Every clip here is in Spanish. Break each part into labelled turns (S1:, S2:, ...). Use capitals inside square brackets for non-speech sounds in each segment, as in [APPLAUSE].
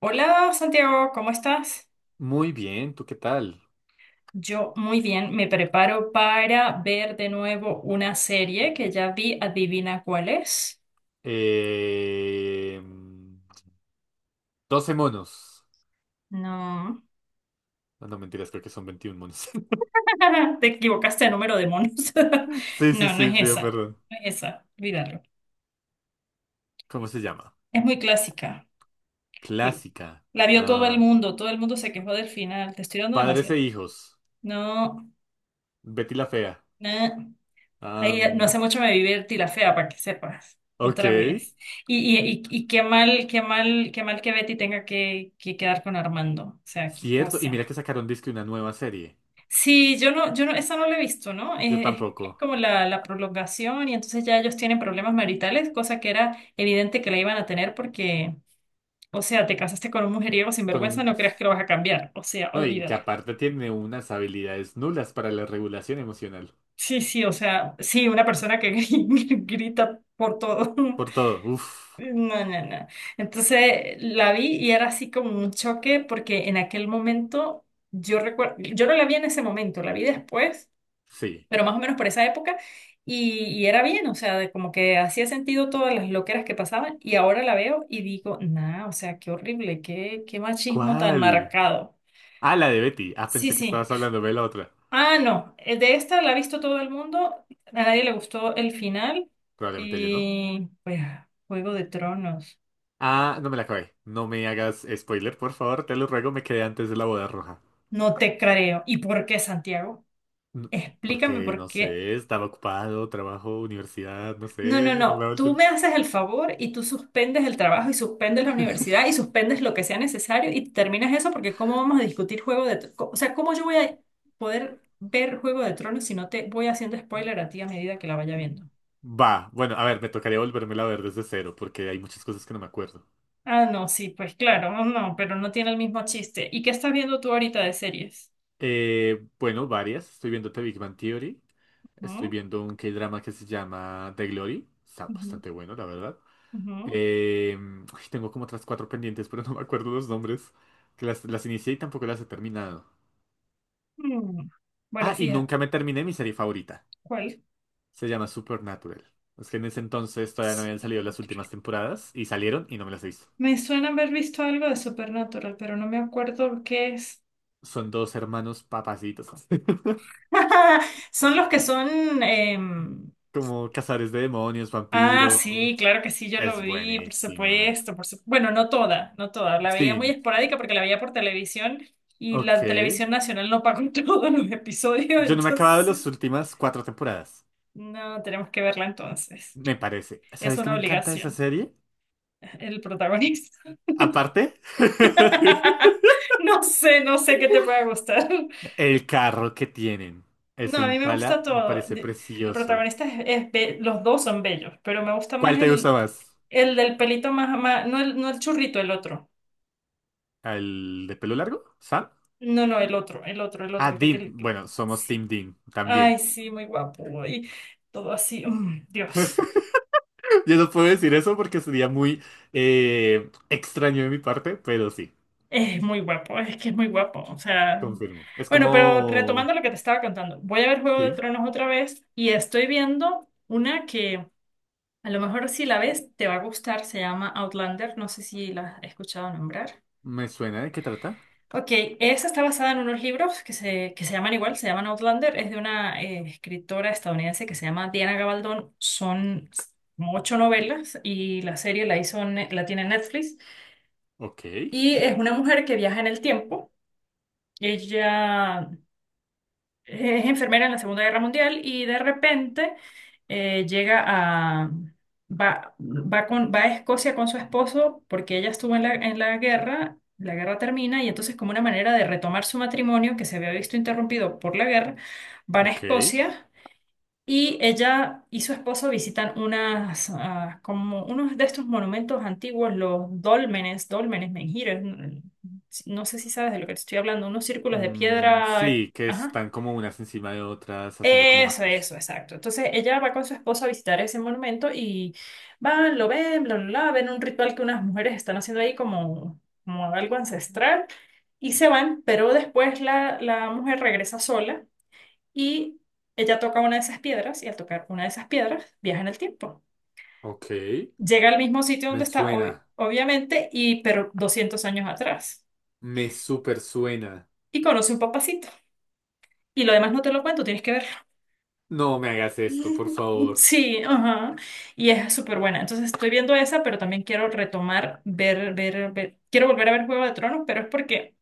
S1: Hola Santiago, ¿cómo estás?
S2: Muy bien, ¿tú qué tal?
S1: Yo muy bien, me preparo para ver de nuevo una serie que ya vi, adivina cuál es.
S2: Eh, 12 monos.
S1: No,
S2: No, mentiras, creo que son 21 monos. [LAUGHS]
S1: [LAUGHS] te equivocaste de número de monos. [LAUGHS]
S2: Sí, sí,
S1: No, no
S2: sí,
S1: es
S2: pido
S1: esa,
S2: perdón.
S1: no es esa, olvídalo.
S2: ¿Cómo se llama?
S1: Es muy clásica.
S2: Clásica.
S1: La vio
S2: Ah,
S1: todo el mundo se quejó del final, te estoy dando
S2: Padres e
S1: demasiado.
S2: hijos.
S1: No,
S2: Betty la Fea.
S1: no. Ahí no
S2: Am,
S1: hace mucho me vi Betty la fea, para que sepas,
S2: ok.
S1: otra vez. Y qué mal, qué mal, qué mal que Betty tenga que quedar con Armando. O sea, qué
S2: Cierto, y mira
S1: cosa.
S2: que sacaron disque una nueva serie.
S1: Sí, yo no, esa no la he visto, ¿no?
S2: Yo
S1: Es
S2: tampoco.
S1: como la prolongación y entonces ya ellos tienen problemas maritales, cosa que era evidente que la iban a tener porque, o sea, te casaste con un mujeriego sin
S2: Con
S1: vergüenza,
S2: un-
S1: no creas que lo vas a cambiar. O sea,
S2: No, y que
S1: olvídalo.
S2: aparte tiene unas habilidades nulas para la regulación emocional.
S1: Sí, sí, o sea, sí, una persona que [LAUGHS] grita por todo.
S2: Por todo, uff.
S1: No, no, no. Entonces la vi y era así como un choque porque en aquel momento yo recuerdo, yo no la vi en ese momento, la vi después,
S2: Sí.
S1: pero más o menos por esa época y era bien, o sea, de como que hacía sentido todas las loqueras que pasaban y ahora la veo y digo, nah, o sea, qué horrible, qué, qué machismo tan
S2: ¿Cuál?
S1: marcado.
S2: Ah, la de Betty. Ah,
S1: Sí,
S2: pensé que
S1: sí.
S2: estabas hablando de la otra.
S1: Ah, no, de esta la ha visto todo el mundo, a nadie le gustó el final
S2: Probablemente yo no.
S1: y pues Juego de Tronos.
S2: Ah, no me la acabé. No me hagas spoiler, por favor, te lo ruego, me quedé antes de la boda roja.
S1: No te creo. ¿Y por qué, Santiago?
S2: N-
S1: Explícame
S2: Porque,
S1: por
S2: no
S1: qué.
S2: sé, estaba ocupado, trabajo, universidad, no
S1: No,
S2: sé,
S1: no,
S2: no me
S1: no.
S2: daba el
S1: Tú
S2: tiempo.
S1: me haces el favor y tú suspendes el trabajo y suspendes la universidad y suspendes lo que sea necesario y terminas eso porque ¿cómo vamos a discutir Juego de Tronos? O sea, ¿cómo yo voy a poder ver Juego de Tronos si no te voy haciendo spoiler a ti a medida que la vaya viendo?
S2: Va, bueno, a ver, me tocaría volvérmela a ver desde cero, porque hay muchas cosas que no me acuerdo.
S1: Ah, no, sí, pues claro, no, no, pero no tiene el mismo chiste. ¿Y qué estás viendo tú ahorita de series?
S2: Bueno, varias. Estoy viéndote Big Bang Theory. Estoy
S1: ¿Mm?
S2: viendo un K-drama que se llama The Glory. Está
S1: Ujú,
S2: bastante bueno, la verdad.
S1: ujú,
S2: Eh, Ay, tengo como otras cuatro pendientes, pero [LAUGHS] no me acuerdo los nombres. Que las inicié y tampoco las he terminado.
S1: mm. Bueno,
S2: Ah, y
S1: fíjate,
S2: nunca me terminé mi serie favorita.
S1: ¿cuál?
S2: Se llama Supernatural. Es que en ese entonces todavía no habían salido las últimas temporadas y salieron y no me las he visto.
S1: Me suena haber visto algo de Supernatural, pero no me acuerdo qué es.
S2: Son dos hermanos papacitos. [LAUGHS]
S1: [LAUGHS] Son los que son...
S2: Como cazadores de demonios,
S1: Ah,
S2: vampiros.
S1: sí, claro que sí, yo lo
S2: Es
S1: vi, por
S2: buenísima.
S1: supuesto, por supuesto. Bueno, no toda, no toda. La veía muy
S2: Sí,
S1: esporádica porque la veía por televisión y
S2: ok.
S1: la televisión nacional no pagó [LAUGHS] todos los episodios,
S2: Yo no me he acabado
S1: entonces
S2: las últimas cuatro temporadas.
S1: no, tenemos que verla entonces.
S2: Me parece.
S1: Es
S2: ¿Sabes qué
S1: una
S2: me encanta de esa
S1: obligación,
S2: serie?
S1: el protagonista.
S2: Aparte, [LAUGHS]
S1: [LAUGHS] No sé, no sé qué te pueda gustar.
S2: el carro que tienen.
S1: No,
S2: Ese
S1: a mí me gusta
S2: Impala me
S1: todo.
S2: parece
S1: De- El
S2: precioso.
S1: protagonista es be- los dos son bellos, pero me gusta
S2: ¿Cuál
S1: más
S2: te gusta más?
S1: el del pelito más, más no el, no el churrito, el otro.
S2: ¿El de pelo largo? ¿Sam?
S1: No, no, el otro, el otro, el
S2: Ah,
S1: otro, el que
S2: Dean.
S1: tiene que...
S2: Bueno, somos
S1: Sí.
S2: Team Dean también.
S1: Ay, sí, muy guapo. Y todo así, mm, Dios,
S2: [LAUGHS] Yo no puedo decir eso porque sería muy extraño de mi parte, pero sí,
S1: es muy guapo, es que es muy guapo. O sea,
S2: confirmo. Es
S1: bueno, pero retomando
S2: como...
S1: lo que te estaba contando, voy a ver Juego de
S2: Sí,
S1: Tronos otra vez y estoy viendo una que a lo mejor si la ves te va a gustar, se llama Outlander, no sé si la has escuchado nombrar.
S2: me suena de qué trata.
S1: Ok, esa está basada en unos libros que que se llaman igual, se llaman Outlander, es de una escritora estadounidense que se llama Diana Gabaldón, son como ocho novelas y la serie la hizo, Ne- la tiene Netflix
S2: Ok,
S1: y es una mujer que viaja en el tiempo, ella es enfermera en la Segunda Guerra Mundial y de repente llega a... Va, va, con, va a Escocia con su esposo porque ella estuvo en la guerra termina y entonces como una manera de retomar su matrimonio que se había visto interrumpido por la guerra, van a
S2: ok.
S1: Escocia y ella y su esposo visitan unas, ah, como unos de estos monumentos antiguos, los dólmenes, dólmenes, menhires, no sé si sabes de lo que te estoy hablando, unos círculos de
S2: Mm,
S1: piedra,
S2: sí, que
S1: ajá,
S2: están como unas encima de otras haciendo como
S1: eso,
S2: arcos.
S1: exacto. Entonces ella va con su esposo a visitar ese monumento y van, lo ven, bla, bla, bla, ven un ritual que unas mujeres están haciendo ahí como, como algo ancestral y se van, pero después la mujer regresa sola y ella toca una de esas piedras y al tocar una de esas piedras viaja en el tiempo.
S2: Ok,
S1: Llega al mismo sitio
S2: me
S1: donde está, ob-
S2: suena,
S1: obviamente, y pero 200 años atrás
S2: me super suena.
S1: y conoce un papacito. Y lo demás no te lo cuento, tienes que verlo.
S2: No me hagas esto, por
S1: [LAUGHS]
S2: favor.
S1: Sí, ajá. Y es súper buena. Entonces estoy viendo esa, pero también quiero retomar, ver, ver, ver. Quiero volver a ver Juego de Tronos, pero es porque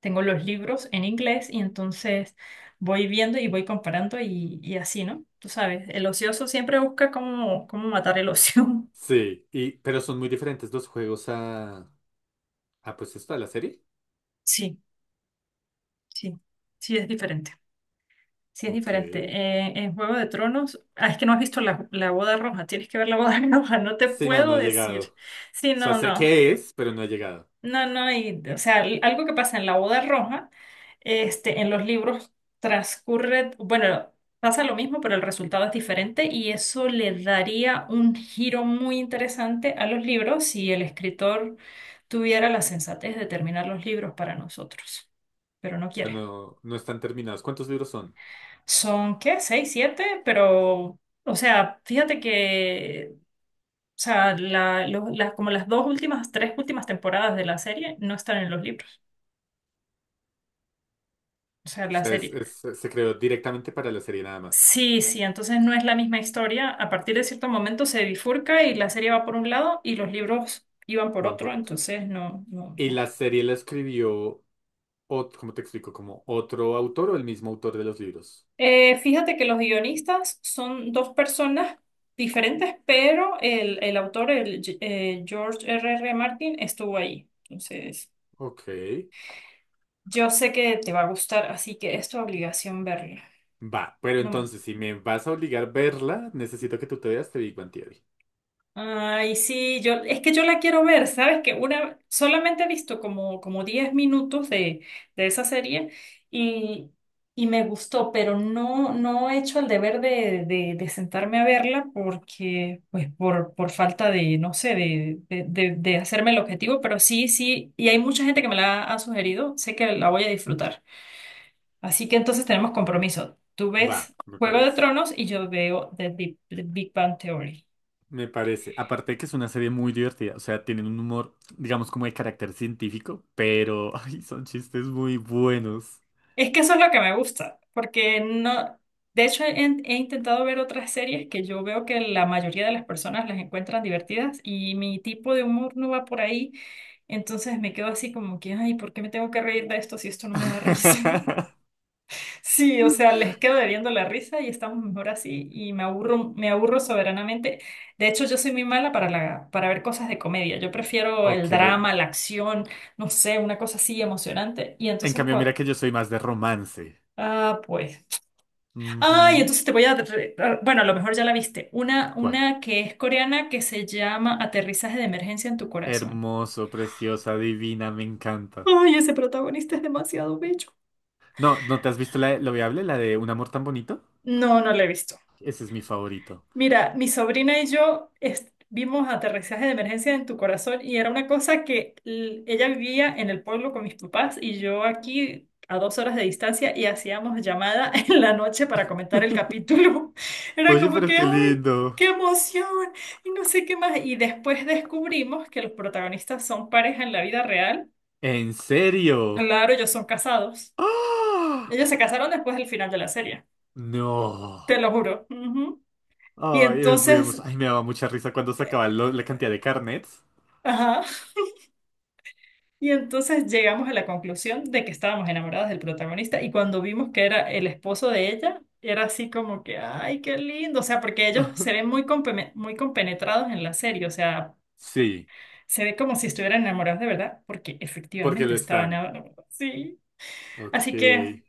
S1: tengo los libros en inglés y entonces voy viendo y voy comparando y así, ¿no? Tú sabes, el ocioso siempre busca cómo, cómo matar el ocio. [LAUGHS]
S2: Sí, y, pero son muy diferentes los juegos a pues esto, a la serie.
S1: Sí, sí, sí, es diferente. Sí, es
S2: Ok.
S1: diferente. En Juego de Tronos, ah, es que no has visto la boda roja, tienes que ver la boda [LAUGHS] roja, no te
S2: Sí, no,
S1: puedo
S2: no he llegado.
S1: decir.
S2: O
S1: Sí,
S2: sea,
S1: no,
S2: sé
S1: no.
S2: qué es, pero no he llegado.
S1: No, no, y, o sea, l- algo que pasa en la boda roja, este, en los libros transcurre, bueno, pasa lo mismo, pero el resultado es diferente y eso le daría un giro muy interesante a los libros si el escritor tuviera la sensatez de terminar los libros para nosotros, pero no
S2: O sea,
S1: quiere.
S2: no, no están terminados. ¿Cuántos libros son?
S1: Son, ¿qué? ¿Seis, siete? Pero, o sea, fíjate que, o sea, la- lo- las- como las dos últimas, tres últimas temporadas de la serie no están en los libros. O sea,
S2: O
S1: la
S2: sea,
S1: serie,
S2: se creó directamente para la serie nada más.
S1: sí, sí, entonces no es la misma historia. A partir de cierto momento se bifurca y la serie va por un lado y los libros iban por
S2: Van
S1: otro,
S2: por otro.
S1: entonces no, no,
S2: ¿Y
S1: no.
S2: la serie la escribió, cómo te explico, como otro autor o el mismo autor de los libros?
S1: Fíjate que los guionistas son dos personas diferentes, pero el autor, George R.R. Martin, estuvo ahí. Entonces,
S2: Ok.
S1: yo sé que te va a gustar, así que es tu obligación verla.
S2: Va, pero
S1: No.
S2: entonces, si me vas a obligar a verla, necesito que tú te veas The Big Bang Theory.
S1: Ay, sí, yo, es que yo la quiero ver, ¿sabes? Que una, solamente he visto como, como 10 minutos de esa serie y, y me gustó, pero no, no he hecho el deber de sentarme a verla porque, pues, por falta de, no sé, de hacerme el objetivo, pero sí, sí, y hay mucha gente que me la ha sugerido, sé que la voy a disfrutar. Así que entonces tenemos compromiso. Tú
S2: Va,
S1: ves
S2: me
S1: Juego de
S2: parece.
S1: Tronos y yo veo The Big Bang Theory.
S2: Me parece. Aparte de que es una serie muy divertida, o sea, tienen un humor, digamos, como de carácter científico, pero [LAUGHS] ay, son chistes muy buenos.
S1: Es que eso es lo que me gusta, porque no, de hecho he, he intentado ver otras series que yo veo que la mayoría de las personas las encuentran divertidas y mi tipo de humor no va por ahí, entonces me quedo así como que, ay, ¿por qué me tengo que reír de esto si esto no me da risa? [LAUGHS]
S2: [LAUGHS]
S1: Sí, o sea, les quedo debiendo la risa y estamos mejor así y me aburro soberanamente. De hecho, yo soy muy mala para la, para ver cosas de comedia. Yo prefiero el
S2: Ok.
S1: drama, la acción, no sé, una cosa así emocionante y
S2: En
S1: entonces
S2: cambio, mira
S1: cuando...
S2: que yo soy más de romance.
S1: Ah, pues. Ay,
S2: Ujú.
S1: entonces te voy a... re- a- bueno, a lo mejor ya la viste.
S2: ¿Cuál?
S1: Una que es coreana que se llama Aterrizaje de emergencia en tu corazón.
S2: Hermoso, preciosa, divina, me encanta.
S1: Ay, ese protagonista es demasiado bello.
S2: No, ¿no te has visto la de Lo Viable, la de Un amor tan bonito?
S1: No, no la he visto.
S2: Ese es mi favorito.
S1: Mira, mi sobrina y yo est- vimos Aterrizaje de Emergencia en tu Corazón y era una cosa que l- ella vivía en el pueblo con mis papás y yo aquí a 2 horas de distancia y hacíamos llamada [LAUGHS] en la noche para comentar el
S2: [LAUGHS]
S1: capítulo. [LAUGHS] Era
S2: Oye,
S1: como
S2: pero
S1: que,
S2: qué
S1: ¡ay,
S2: lindo.
S1: qué emoción! Y no sé qué más. Y después descubrimos que los protagonistas son pareja en la vida real.
S2: ¿En serio?
S1: Claro, ellos son casados.
S2: ¡Ah!
S1: Ellos se casaron después del final de la serie,
S2: No.
S1: te lo juro. Ujú. Y
S2: Ay, los vimos.
S1: entonces...
S2: Ay, me daba mucha risa cuando sacaban la cantidad de carnets.
S1: Ajá. Y entonces llegamos a la conclusión de que estábamos enamoradas del protagonista y cuando vimos que era el esposo de ella, era así como que, ay, qué lindo, o sea, porque ellos se ven
S2: [LAUGHS]
S1: muy, compeme- muy compenetrados en la serie, o sea,
S2: Sí,
S1: se ve como si estuvieran enamorados de verdad, porque
S2: porque
S1: efectivamente
S2: lo
S1: estaban
S2: están.
S1: enamorados, sí.
S2: Ok.
S1: Así que,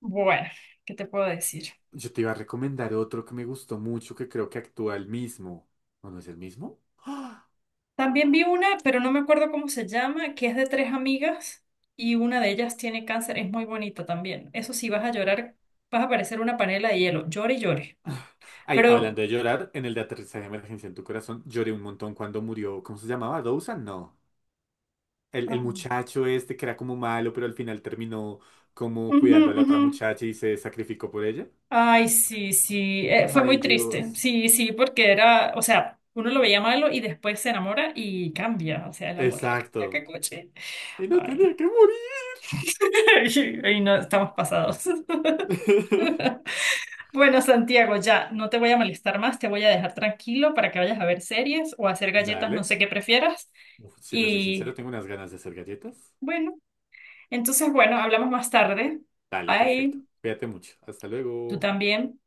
S1: bueno, ¿qué te puedo decir?
S2: Yo te iba a recomendar otro que me gustó mucho, que creo que actúa el mismo. ¿O no es el mismo? ¡Ah!
S1: También vi una, pero no me acuerdo cómo se llama, que es de tres amigas y una de ellas tiene cáncer, es muy bonita también. Eso sí, vas a llorar, vas a parecer una panela de hielo, llore y llore.
S2: Ay, hablando
S1: Pero,
S2: de llorar, en el de aterrizaje de emergencia en tu corazón, lloré un montón cuando murió. ¿Cómo se llamaba? ¿Dawson? No. El
S1: ah,
S2: muchacho este que era como malo, pero al final terminó como
S1: ujú,
S2: cuidando a la
S1: ujú.
S2: otra muchacha y se sacrificó por ella.
S1: Ay, sí, sí, fue muy
S2: Ay,
S1: triste.
S2: Dios.
S1: Sí, sí, porque era, o sea, uno lo veía malo y después se enamora y cambia. O sea, el amor [LAUGHS] la cambia, qué
S2: Exacto.
S1: coche.
S2: Y no
S1: Ay,
S2: tenía que morir.
S1: [LAUGHS] ay, no, estamos pasados.
S2: [LAUGHS]
S1: [LAUGHS] Bueno, Santiago, ya, no te voy a molestar más, te voy a dejar tranquilo para que vayas a ver series o a hacer galletas, no
S2: Dale.
S1: sé qué prefieras.
S2: Uf, si te soy
S1: Y
S2: sincero, tengo unas ganas de hacer galletas.
S1: bueno, entonces, bueno, hablamos más tarde.
S2: Dale, perfecto.
S1: Ay,
S2: Cuídate mucho. Hasta
S1: tú
S2: luego.
S1: también.